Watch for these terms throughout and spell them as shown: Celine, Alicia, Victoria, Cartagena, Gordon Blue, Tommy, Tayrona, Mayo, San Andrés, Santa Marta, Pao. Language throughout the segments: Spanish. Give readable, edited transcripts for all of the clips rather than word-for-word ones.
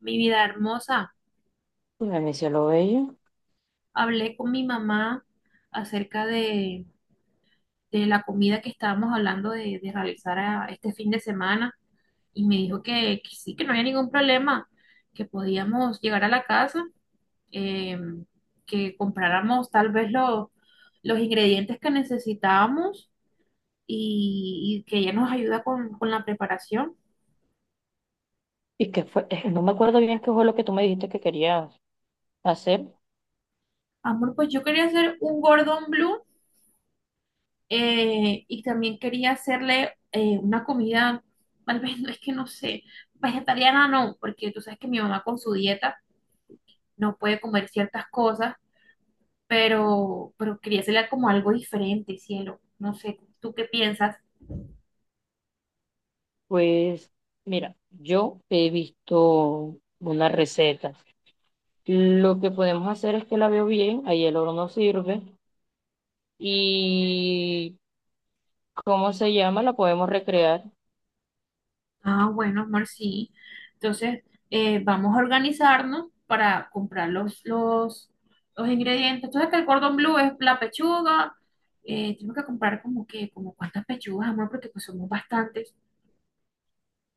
Mi vida hermosa, Pues mi cielo bello. hablé con mi mamá acerca de la comida que estábamos hablando de realizar este fin de semana y me dijo que sí, que no había ningún problema, que podíamos llegar a la casa, eh, que compráramos tal vez los ingredientes que necesitábamos y que ella nos ayuda con la preparación. ¿Y que fue? No me acuerdo bien qué fue lo que tú me dijiste que querías hacer. Amor, pues yo quería hacer un Gordon Blue. Y también quería hacerle una comida, tal vez no es que no sé, vegetariana no, porque tú sabes que mi mamá con su dieta no puede comer ciertas cosas, pero quería hacerle como algo diferente, cielo. No sé, ¿tú qué piensas? Pues mira, yo he visto unas recetas. Lo que podemos hacer es que la veo bien, ahí el oro no sirve. Y ¿cómo se llama? La podemos recrear. Ah, bueno, amor, sí. Entonces, vamos a organizarnos para comprar los ingredientes. Entonces que el cordón blue es la pechuga. Tengo que comprar como cuántas pechugas, amor, porque pues somos bastantes.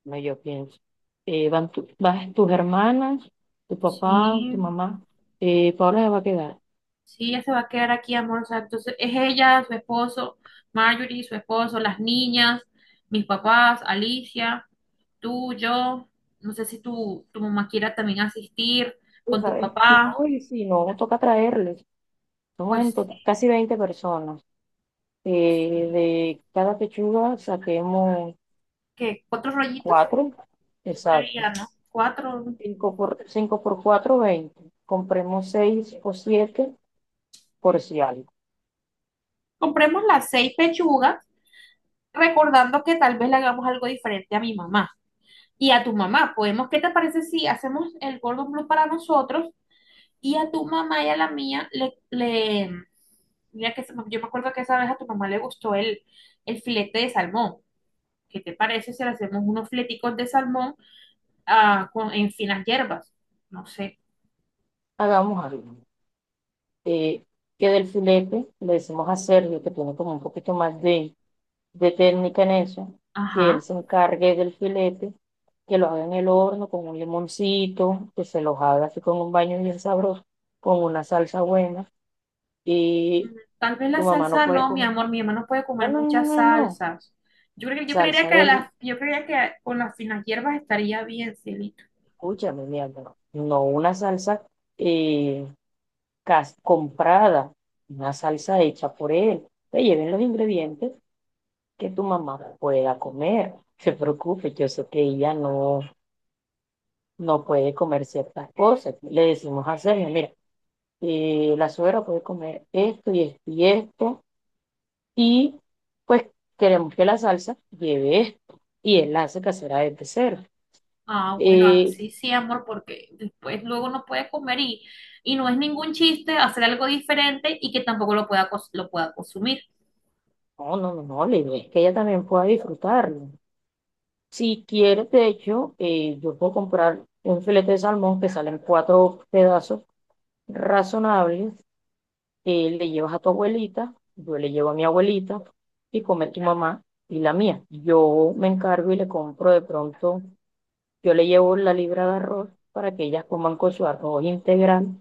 No, yo pienso. Vas tus hermanas, tu papá, tu Sí, mamá. Paula se va a quedar. sí, ella se va a quedar aquí, amor. O sea, entonces es ella, su esposo, Marjorie, su esposo, las niñas, mis papás, Alicia, tú, yo. No sé si tu mamá quiera también asistir Tú, con tu ¿sabes? papá. No, y si no, toca traerles. Somos en Pues, total casi 20 personas. Sí. De cada pechuga saquemos ¿Qué? ¿Cuatro rollitos? cuatro, Yo creería, exacto. ¿no? Cuatro. Cinco por cuatro, 20. Compremos seis o siete por si algo. Compremos las seis pechugas, recordando que tal vez le hagamos algo diferente a mi mamá y a tu mamá. Podemos, ¿qué te parece si hacemos el Gordon Blue para nosotros? Y a tu mamá y a la mía le mira que yo me acuerdo que esa vez a tu mamá le gustó el filete de salmón. ¿Qué te parece si le hacemos unos fleticos de salmón, ah, con, en finas hierbas? No sé. Hagamos algo. Eh, que del filete le decimos a Sergio, que tiene como un poquito más de técnica en eso, que él Ajá. se encargue del filete, que lo haga en el horno con un limoncito, que se los haga así con un baño bien sabroso, con una salsa buena. Y Mm, tal vez la tu mamá no salsa puede no, mi comer. amor, mi mamá no puede No, comer no, no, muchas no, no. salsas. Yo creería Salsa que deli. yo creería que con las finas hierbas estaría bien, Celine. Escúchame, mi amor. No una salsa eh, comprada, una salsa hecha por él. Te lleven los ingredientes que tu mamá pueda comer. Se preocupe, yo sé que ella no puede comer ciertas cosas. Le decimos a Sergio, mira, la suegra puede comer esto y esto y esto. Y pues queremos que la salsa lleve esto. Y él la hace casera desde cero. Ah, bueno, Eh, así sí, amor, porque después luego no puede comer y no es ningún chiste hacer algo diferente y que tampoco lo pueda, lo pueda consumir. No, no, no, no, la idea es que ella también pueda disfrutarlo. Si quieres, de hecho, yo puedo comprar un filete de salmón que salen cuatro pedazos razonables. Le llevas a tu abuelita, yo le llevo a mi abuelita y come tu mamá y la mía. Yo me encargo y le compro de pronto, yo le llevo la libra de arroz para que ellas coman con su arroz integral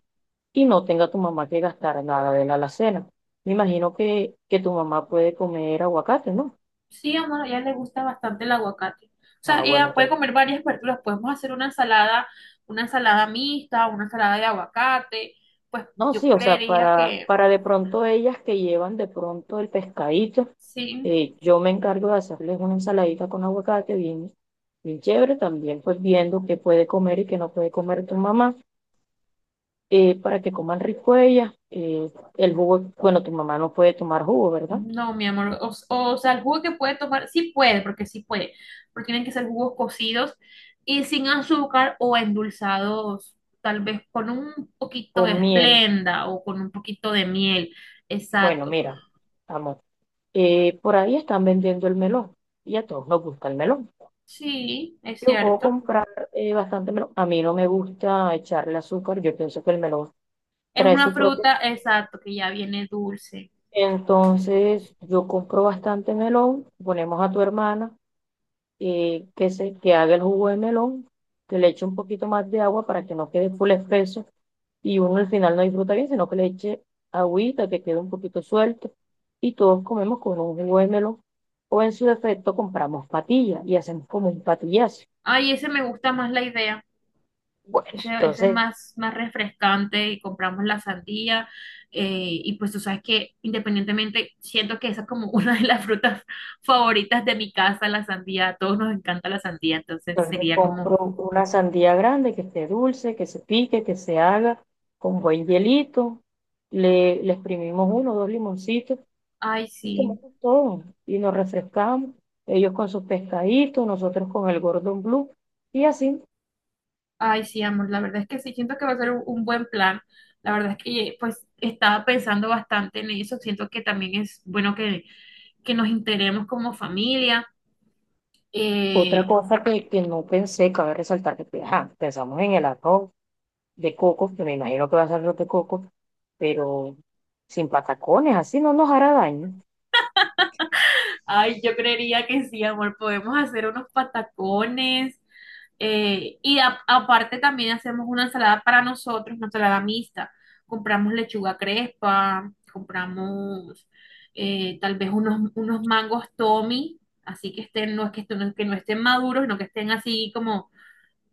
y no tenga tu mamá que gastar nada de la alacena. Me imagino que tu mamá puede comer aguacate, ¿no? Sí, amor, a ella le gusta bastante el aguacate. O sea, Ah, bueno, ella puede entonces comer varias verduras. Podemos hacer una ensalada mixta, una ensalada de aguacate. Pues no, sí, yo o sea, creería que para de pronto ellas que llevan de pronto el pescadito. sí. Yo me encargo de hacerles una ensaladita con aguacate bien, bien chévere, también pues viendo qué puede comer y qué no puede comer tu mamá, para que coman rico ellas. El jugo, bueno, tu mamá no puede tomar jugo, ¿verdad? No, mi amor, o sea, el jugo que puede tomar, sí puede, porque sí puede, pero tienen que ser jugos cocidos y sin azúcar o endulzados, tal vez con un poquito de Con miel. esplenda o con un poquito de miel, Bueno, exacto. mira, amor, por ahí están vendiendo el melón y a todos nos gusta el melón. Sí, es Yo puedo cierto. comprar bastante melón. A mí no me gusta echarle azúcar, yo pienso que el melón Es trae una su propio. fruta, exacto, que ya viene dulce. Entonces, yo compro bastante melón, ponemos a tu hermana que haga el jugo de melón, que le eche un poquito más de agua para que no quede full espeso y uno al final no disfruta bien, sino que le eche agüita, que quede un poquito suelto, y todos comemos con un jugo de melón o en su defecto compramos patillas y hacemos como un patillazo. Ay, ese me gusta más la idea. Bueno, Ese es entonces, más, más refrescante y compramos la sandía. eh, y pues tú sabes que independientemente, siento que esa es como una de las frutas favoritas de mi casa, la sandía. A todos nos encanta la sandía, entonces sería como, compro una sandía grande que esté dulce, que se pique, que se haga con buen hielito. Le exprimimos uno o dos limoncitos ay y sí, tomamos todo. Y nos refrescamos, ellos con sus pescaditos, nosotros con el Gordon Blue y así. ay sí, amor, la verdad es que sí, siento que va a ser un buen plan. La verdad es que pues estaba pensando bastante en eso, siento que también es bueno que nos integremos como familia. Otra eh, cosa que no pensé, cabe resaltar que pues, ajá, pensamos en el arroz de coco, que me imagino que va a ser arroz de coco, pero sin patacones, así no nos hará daño. Ay, yo creería que sí, amor, podemos hacer unos patacones. Y aparte también hacemos una ensalada para nosotros, una ensalada mixta. Compramos lechuga crespa, compramos tal vez unos mangos Tommy, así que estén, no es que no estén maduros, sino que estén así como,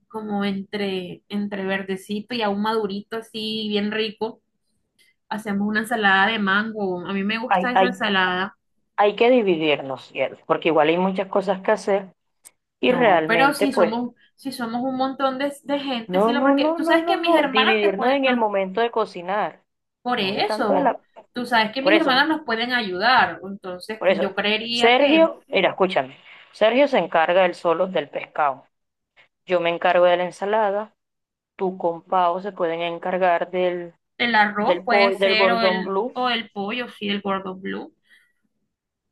entre verdecito y aún madurito, así bien rico. Hacemos una ensalada de mango. A mí me Hay, gusta esa hay ensalada. hay que dividirnos, cielo, porque igual hay muchas cosas que hacer y No, pero realmente, pues, si somos un montón de gente, sí, no, no, porque no, tú no, sabes no, que mis no, hermanas te dividirnos pueden, en el no. momento de cocinar, Por no de tanto de eso, la... tú sabes que Por mis hermanas eso, nos pueden ayudar, entonces por eso, yo creería que Sergio, mira, escúchame, Sergio se encarga él solo del pescado, yo me encargo de la ensalada, tú con Pau se pueden encargar del, el arroz del puede pollo, del ser gordón blue. o el pollo, sí, el Gordon Blue.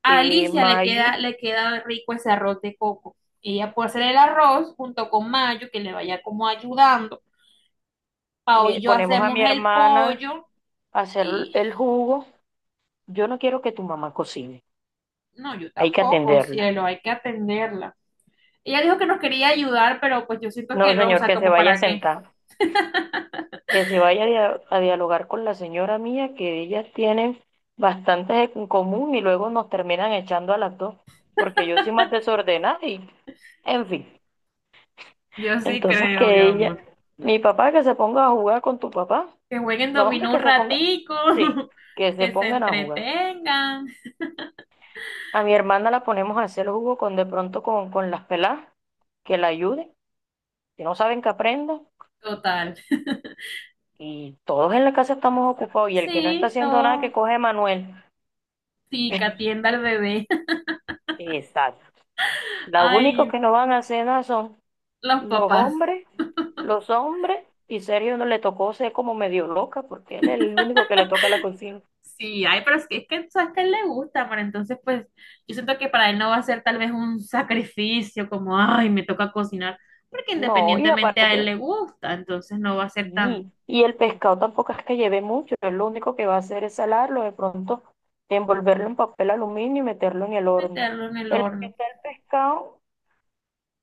A Alicia Mayu, le queda rico ese arroz de coco. Ella puede hacer el arroz junto con Mayo, que le vaya como ayudando. Pao y yo ponemos a mi hacemos el hermana pollo a hacer y el jugo. Yo no quiero que tu mamá cocine, no, yo hay que tampoco, atenderla. cielo, hay que atenderla. Ella dijo que nos quería ayudar, pero pues yo siento No, que no, o señor, sea, que se como vaya a para qué. sentar, que se vaya a dialogar con la señora mía, que ellas tienen bastantes en común y luego nos terminan echando a las dos, porque yo soy más desordenada y, en fin. Yo sí Entonces creo, mi que ella, amor. mi papá que se ponga a jugar con tu papá, Que jueguen los hombres dominó un que se pongan, ratico, sí, que se que se pongan a jugar. entretengan. A mi hermana la ponemos a hacer jugo con de pronto con las peladas, que la ayuden, que no saben, que aprenda. Total. Y todos en la casa estamos ocupados y el que no está Sí, haciendo nada que todo. coge Manuel. Sí, que atienda al bebé. Exacto. Los únicos Ay, que no van a hacer nada son los los papás. hombres, los hombres, y Sergio no le tocó ser como medio loca, porque él es el único que le toca la cocina. Sí, ay, pero es que tú sabes que a él le gusta, pero entonces pues yo siento que para él no va a ser tal vez un sacrificio como, ay, me toca cocinar, porque No, y independientemente a él aparte, le gusta, entonces no va a ser tan sí, y el pescado tampoco es que lleve mucho, es lo único que va a hacer es salarlo, de pronto envolverlo en papel aluminio y meterlo en el horno. meterlo en el En lo que horno. está el pescado,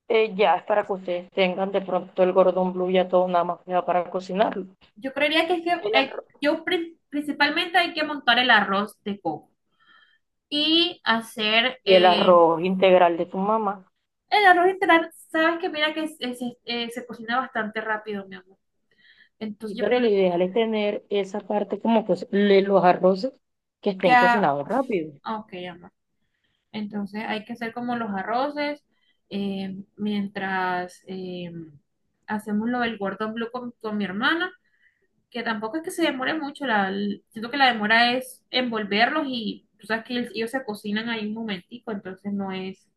Ya es para que ustedes tengan de pronto el gordon blue ya todo nada más ya para cocinarlo. Yo creería que es que El arroz- yo principalmente hay que montar el arroz de coco. Y hacer y el arroz integral de tu mamá. el arroz integral. Sabes que mira que se cocina bastante rápido, mi amor. Y Entonces yo pero creo lo que ideal es tener esa parte como que los arroces que estén ya, cocinados rápido. ah, ok, amor. Entonces hay que hacer como los arroces, mientras hacemos lo del gordón blue con mi hermana, que tampoco es que se demore mucho. Siento que la demora es envolverlos y tú sabes que ellos se cocinan ahí un momentico, entonces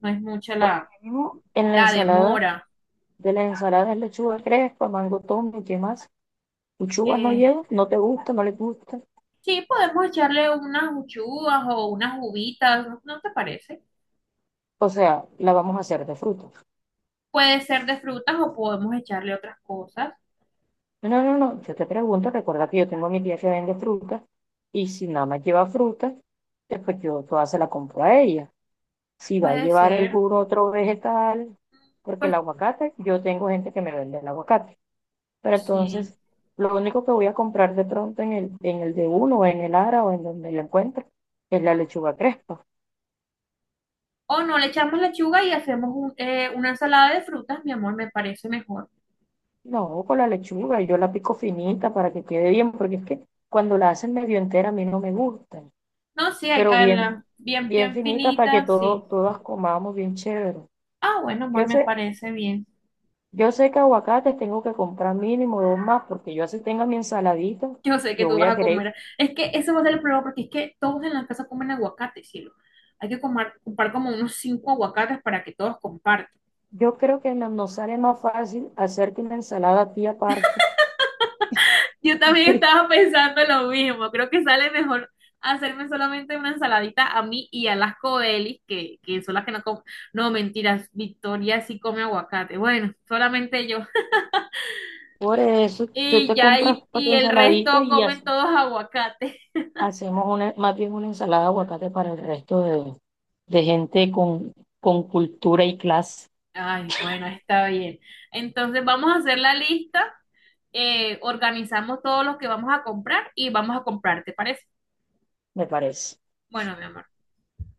no es mucha Por lo mismo, en la la ensalada, demora. de la ensalada es lechuga crespa, mango, tomate, ¿qué más? Lechuga no Eh, lleva, no te gusta, no le gusta. Sí, podemos echarle unas uchuvas o unas uvitas, ¿no, no te parece? O sea, la vamos a hacer de fruta. Puede ser de frutas o podemos echarle otras cosas. No, no, no, yo te pregunto, recuerda que yo tengo mi tía que vende frutas y si nada más lleva frutas, pues yo toda se la compro a ella. Si va a Puede llevar ser, algún otro vegetal, porque pues el aguacate, yo tengo gente que me vende el aguacate. Pero sí. entonces, lo único que voy a comprar de pronto en el de uno, o en el Ara, o en donde lo encuentre, es la lechuga crespa. O no, le echamos lechuga y hacemos una ensalada de frutas, mi amor, me parece mejor. No, con la lechuga, yo la pico finita para que quede bien, porque es que cuando la hacen medio entera a mí no me gusta. No, sí, hay que Pero bien, hacerla bien, bien bien finita para que finita, todo, sí. todas comamos bien chévere. Ah, bueno, amor, Yo me sé, parece bien. yo sé que aguacates tengo que comprar mínimo dos más, porque yo así tenga mi ensaladita, Yo sé que yo tú voy vas a a querer. comer. Es que eso va a ser el problema porque es que todos en la casa comen aguacate, cielo. Hay que comprar como unos 5 aguacates para que todos compartan. Yo creo que nos sale más fácil hacerte una ensalada a ti aparte. Yo también estaba pensando lo mismo. Creo que sale mejor hacerme solamente una ensaladita a mí y a las coelis, que son las que no comen. No, mentiras, Victoria sí come aguacate. Bueno, solamente yo. Por eso, tú Y te ya, compras para tu y el ensaladita resto y comen así todos aguacate. hacemos más bien una ensalada de aguacate para el resto de gente con cultura y clase, Ay, bueno, está bien. Entonces vamos a hacer la lista, organizamos todos los que vamos a comprar y vamos a comprar, ¿te parece? me parece. Bueno, mi amor.